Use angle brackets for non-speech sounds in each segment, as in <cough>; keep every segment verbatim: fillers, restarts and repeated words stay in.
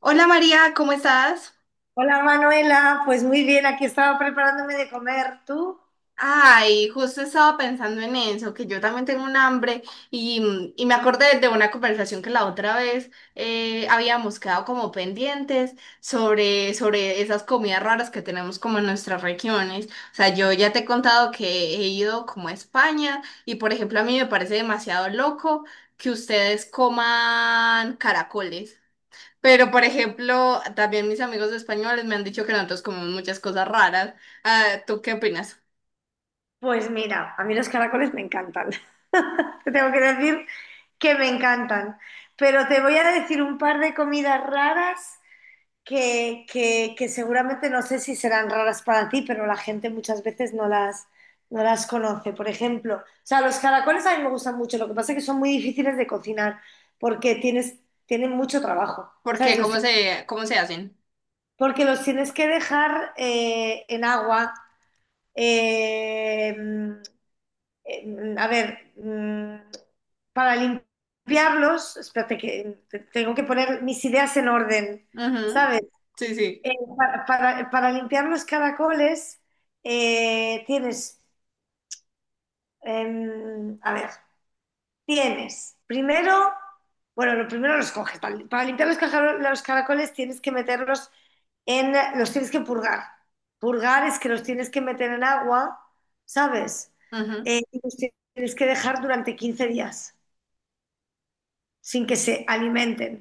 Hola María, ¿cómo estás? Hola Manuela, pues muy bien, aquí estaba preparándome de comer. ¿Tú? Ay, justo estaba pensando en eso, que yo también tengo un hambre y, y me acordé de una conversación que la otra vez eh, habíamos quedado como pendientes sobre, sobre esas comidas raras que tenemos como en nuestras regiones. O sea, yo ya te he contado que he ido como a España y por ejemplo a mí me parece demasiado loco que ustedes coman caracoles. Pero, por ejemplo, también mis amigos españoles me han dicho que nosotros comemos muchas cosas raras. Ah, ¿tú qué opinas? Pues mira, a mí los caracoles me encantan. <laughs> Te tengo que decir que me encantan. Pero te voy a decir un par de comidas raras que, que- que seguramente no sé si serán raras para ti, pero la gente muchas veces no las, no las conoce. Por ejemplo, o sea, los caracoles a mí me gustan mucho, lo que pasa es que son muy difíciles de cocinar porque tienes, tienen mucho trabajo. ¿Por qué? ¿Sabes? Los ¿Cómo se, cómo se hacen? porque los tienes que dejar eh, en agua. eh, mm, eh, a ver, mm, para limpiarlos, espérate que te- tengo que poner mis ideas en orden, Ujú. ¿sabes? Sí, sí. Eh, para, para- para limpiar los caracoles eh, tienes, em, a ver. Tienes, primero, bueno, lo primero los coges. Para, para limpiar los, cajar- los caracoles tienes que meterlos en, los tienes que purgar. Purgar es que los tienes que meter en agua, ¿sabes? Ujú. Eh, y los tienes que dejar durante quince días sin que se alimenten,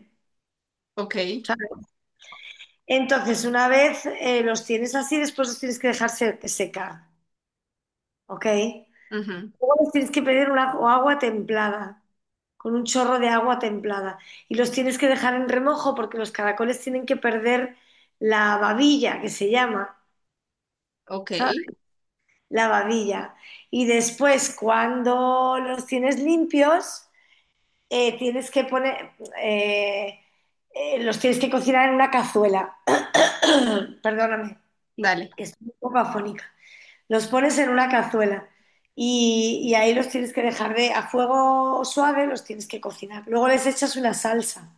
Ok. ¿sabes? Entonces, una vez eh, los tienes así, después los tienes que dejar se- secar, ¿ok? Luego Ujú. les tienes que pedir una o agua templada, con un chorro de agua templada. Y los tienes que dejar en remojo porque los caracoles tienen que perder la babilla, que se llama, Ok. ¿sabes? La babilla. Y después, cuando los tienes limpios, eh, tienes que poner, eh, eh, los tienes que cocinar en una cazuela. <clears throat> Perdóname, Dale. que estoy un poco afónica. Los pones en una cazuela y, y ahí los tienes que dejar de, a fuego suave, los tienes que cocinar. Luego les echas una salsa,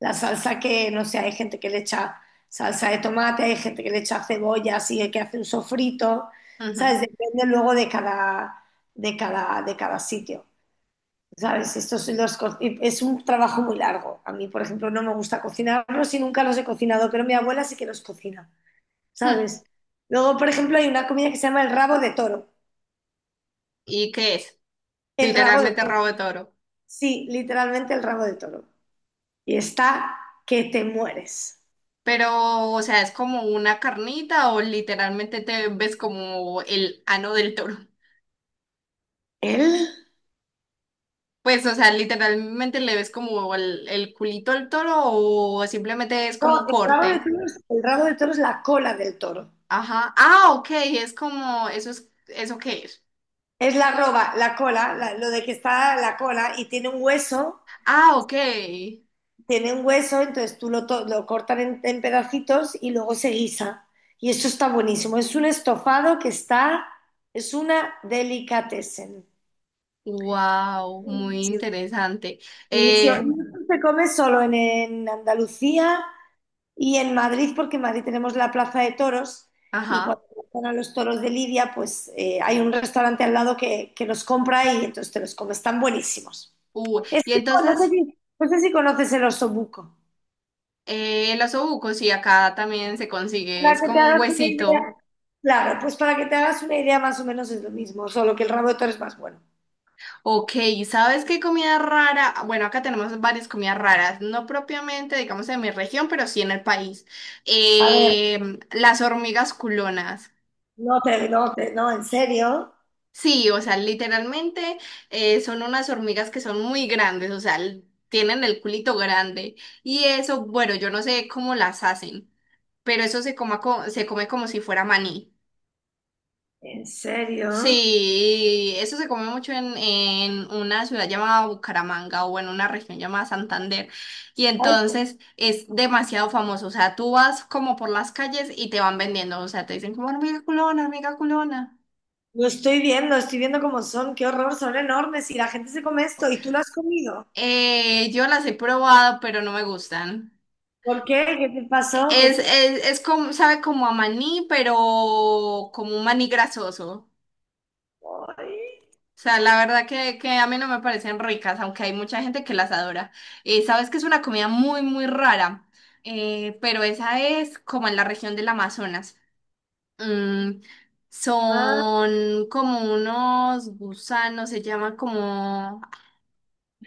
la salsa que, no sé, hay gente que le echa salsa de tomate, hay gente que le echa cebolla, así que hace un sofrito, ¿sabes? Ujú. Depende luego de cada, de cada, de cada sitio. ¿Sabes? Estos los co- es un trabajo muy largo. A mí, por ejemplo, no me gusta cocinarlos y nunca los he cocinado, pero mi abuela sí que los cocina, Hm. ¿sabes? Luego, por ejemplo, hay una comida que se llama el rabo de toro. ¿Y qué es? El rabo de Literalmente toro. rabo de toro. Sí, literalmente el rabo de toro. Y está que te mueres. Pero, o sea, ¿es como una carnita o literalmente te ves como el ano del toro? ¿El? Pues, o sea, literalmente le ves como el, el culito al toro o simplemente es como No, un el rabo de corte. toro es, el rabo de toro es la cola del toro. Ajá. Ah, ok, es como, eso es, ¿eso qué es? Es la roba, la cola, la- lo de que está la cola y tiene un hueso, Ah, ok. tiene un hueso, entonces tú lo, to- lo cortan en, en pedacitos y luego se guisa. Y eso está buenísimo. Es un estofado que está, es una delicatessen. Wow, muy Buenísimo. interesante. Buenísimo. Eh, Y esto se come solo en, en Andalucía y en Madrid, porque en Madrid tenemos la Plaza de Toros y ajá. cuando van a los toros de Lidia, pues eh, hay un restaurante al lado que, que los compra y entonces te los comes. Están buenísimos. Uh, Es y que no no sé entonces, si, no sé si conoces el osobuco. eh, los osobuco, sí, acá también se consigue, Para es que te como un hagas una idea. huesito. Claro, pues para que te hagas una idea más o menos es lo mismo, solo que el rabo de toro es más bueno. Ok, ¿sabes qué comida rara? Bueno, acá tenemos varias comidas raras, no propiamente, digamos, en mi región, pero sí en el país. A ver, Eh, las hormigas culonas. no te, no te, no, en serio, Sí, o sea, literalmente eh, son unas hormigas que son muy grandes, o sea, l- tienen el culito grande. Y eso, bueno, yo no sé cómo las hacen, pero eso se coma co- se come como si fuera maní. en serio. Sí, eso se come mucho en, en una ciudad llamada Bucaramanga o en una región llamada Santander. Y Ay, entonces es demasiado famoso. O sea, tú vas como por las calles y te van vendiendo. O sea, te dicen como hormiga culona, hormiga culona. lo estoy viendo, estoy viendo cómo son, qué horror, son enormes y la gente se come esto y tú lo has comido. Eh, yo las he probado, pero no me gustan. ¿Por qué? ¿Qué te pasó? ¿Qué Es, se- es, es como, sabe como a maní, pero como un maní grasoso. Ay, O sea, la verdad que, que a mí no me parecen ricas, aunque hay mucha gente que las adora. Eh, sabes que es una comida muy, muy rara. Eh, pero esa es como en la región del Amazonas. Mm, ah, son como unos gusanos, se llaman como…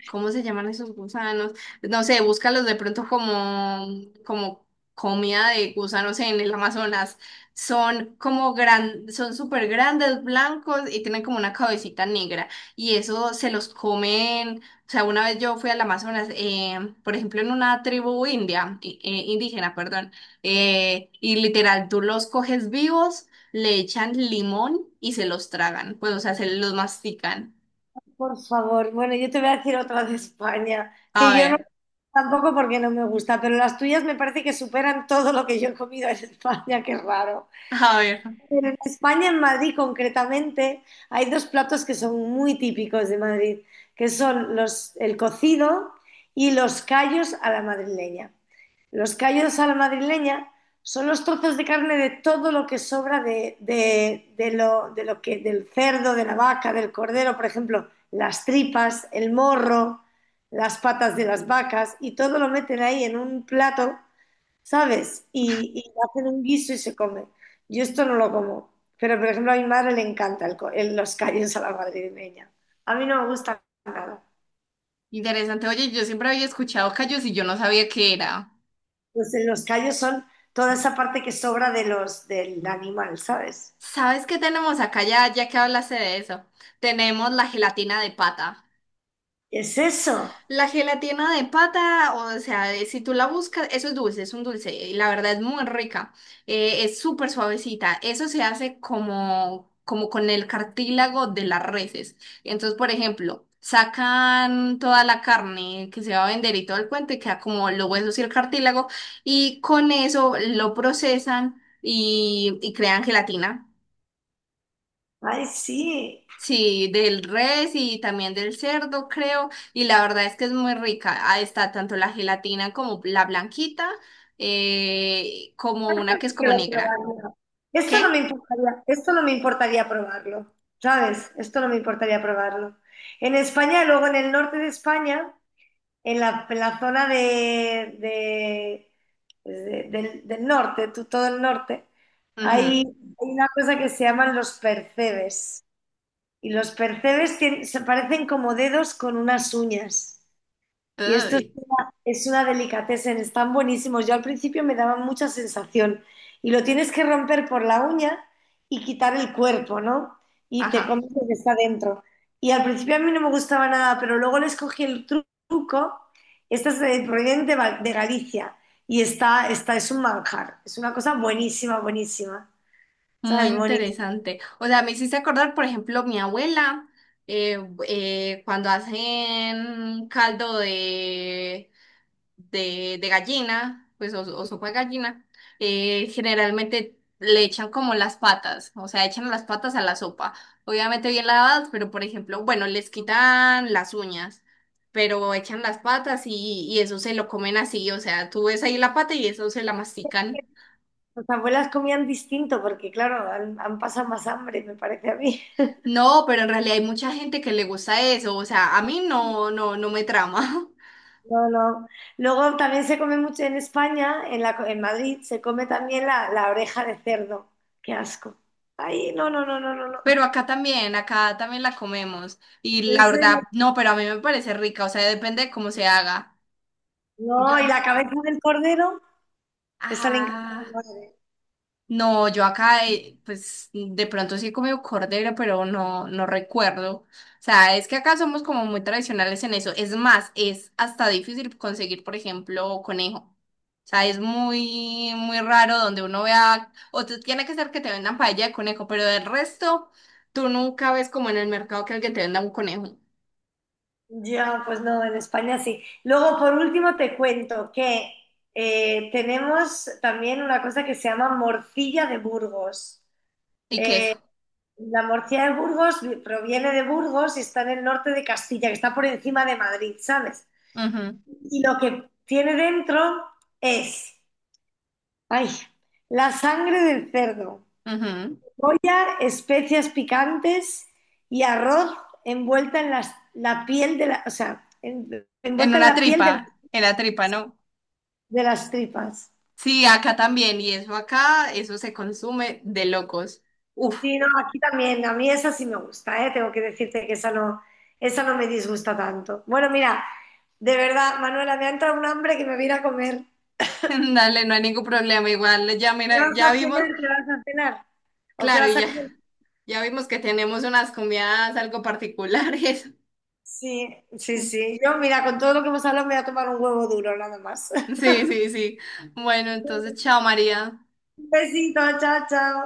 ¿Cómo se llaman esos gusanos? No sé, búscalos de pronto como, como comida de gusanos en el Amazonas. Son como gran, son súper grandes, blancos y tienen como una cabecita negra. Y eso se los comen. O sea, una vez yo fui al Amazonas, eh, por ejemplo, en una tribu india, i- eh, indígena, perdón, eh, y literal, tú los coges vivos, le echan limón y se los tragan. Pues, o sea, se los mastican. por favor. Bueno, yo te voy a decir otra de España, A que yo no ver, tampoco porque no me gusta, pero las tuyas me parece que superan todo lo que yo he comido en España, qué raro. a ver. Pero en España, en Madrid concretamente, hay dos platos que son muy típicos de Madrid, que son los, el cocido y los callos a la madrileña. Los callos a la madrileña son los trozos de carne de todo lo que sobra de, de- de lo, de lo que, del cerdo, de la vaca, del cordero, por ejemplo, las tripas, el morro, las patas de las vacas, y todo lo meten ahí en un plato, ¿sabes? Y, y hacen un guiso y se come. Yo esto no lo como, pero por ejemplo a mi madre le encanta el co- el- los callos a la madrileña. A mí no me gusta nada. Interesante. Oye, yo siempre había escuchado callos y yo no sabía qué era. Pues en los callos son toda esa parte que sobra de los, del animal, ¿sabes? ¿Sabes qué tenemos acá ya, ya que hablaste de eso? Tenemos la gelatina de pata. Es eso. La gelatina de pata, o sea, de- si tú la buscas, eso es dulce, es un dulce, y la verdad es muy rica, eh, es súper suavecita, eso se hace como, como con el cartílago de las reses. Entonces, por ejemplo, sacan toda la carne que se va a vender y todo el cuento, y queda como los huesos y el cartílago, y con eso lo procesan y, y crean gelatina. Ay, sí. Sí, del res y también del cerdo, creo. Y la verdad es que es muy rica. Ah, está tanto la gelatina como la blanquita, eh, como una que es como Quiero negra. probarlo. Esto no me ¿Qué? importaría, esto no me importaría probarlo, ¿sabes? Esto no me importaría probarlo. En España, luego en el norte de España, en la, en la zona de, de- pues, de- del, del norte, tú- todo el norte, hay, hay Ujú. una cosa que se llaman los percebes. Y los percebes tien- se parecen como dedos con unas uñas. Y esto es Ay. es una delicatessen, están buenísimos. Yo al principio me daban mucha sensación. Y lo tienes que romper por la uña y quitar el cuerpo, ¿no? Y te Ajá. comes lo que está dentro. Y al principio a mí no me gustaba nada, pero luego les cogí el tru- truco. Esta es de, provienen de, Val- de Galicia. Y está, está, es un manjar. Es una cosa buenísima, buenísima. Muy ¿Sabes? Buenísima. interesante. O sea, me hiciste acordar, por ejemplo, mi abuela, eh, eh, cuando hacen caldo de de, de gallina, pues o, o sopa de gallina, eh, generalmente le echan como las patas, o sea, echan las patas a la sopa. Obviamente bien lavadas, pero por ejemplo, bueno, les quitan las uñas, pero echan las patas y, y eso se lo comen así, o sea, tú ves ahí la pata y eso se la mastican. Las abuelas comían distinto porque, claro, han, han pasado más hambre, me parece a mí. No, pero en realidad hay mucha gente que le gusta eso, o sea, a mí no, no, no me trama. <laughs> No, no. Luego también se come mucho en España, en, la, co- en Madrid, se come también la, la oreja de cerdo. Qué asco. Ay, no, no, no, no, no, no. Pero acá también, acá también la comemos. Y En la verdad, serio. no, pero a mí me parece rica, o sea, depende de cómo se haga. Yo, No, y n- la cabeza del cordero, esa le encanta ah, a mi madre. no, yo acá, eh, pues de pronto sí he comido cordero, pero no, no recuerdo. O sea, es que acá somos como muy tradicionales en eso. Es más, es hasta difícil conseguir, por ejemplo, conejo. O sea, es muy, muy raro donde uno vea, o tú- tiene que ser que te vendan paella de conejo, pero del resto, tú nunca ves como en el mercado que alguien te venda un conejo Ya, pues no, en España sí. Luego, por último, te cuento que eh, tenemos también una cosa que se llama morcilla de Burgos. y Eh, queso. La morcilla de Burgos proviene de Burgos y está en el norte de Castilla, que está por encima de Madrid, ¿sabes? Ujú, Y lo que tiene dentro es, ay, la sangre del cerdo, ujú. cebolla, especias picantes y arroz envuelta en las- la piel de la, o sea, en- En envuelta en una la piel de, tripa, en la tripa, ¿no? de las tripas. Sí, acá también, y eso acá, eso se consume de locos. Uf. Sí, no, aquí también. A mí esa sí me gusta, ¿eh? Tengo que decirte que esa no, esa no me disgusta tanto. Bueno, mira, de verdad, Manuela, me ha entrado un hambre que me voy a ir a comer. <laughs> Dale, no hay ningún problema, igual ya ¿Qué mira, vas ya a cenar? vimos, ¿Qué vas a cenar? ¿O qué claro, vas y a ya, comer? ya vimos que tenemos unas comidas algo particulares. Sí, sí, <laughs> sí. Yo, mira, con todo lo que hemos hablado me voy a tomar un huevo duro, nada más. <laughs> Sí, sí, sí. Bueno, entonces, chao María. Un besito, chao, chao.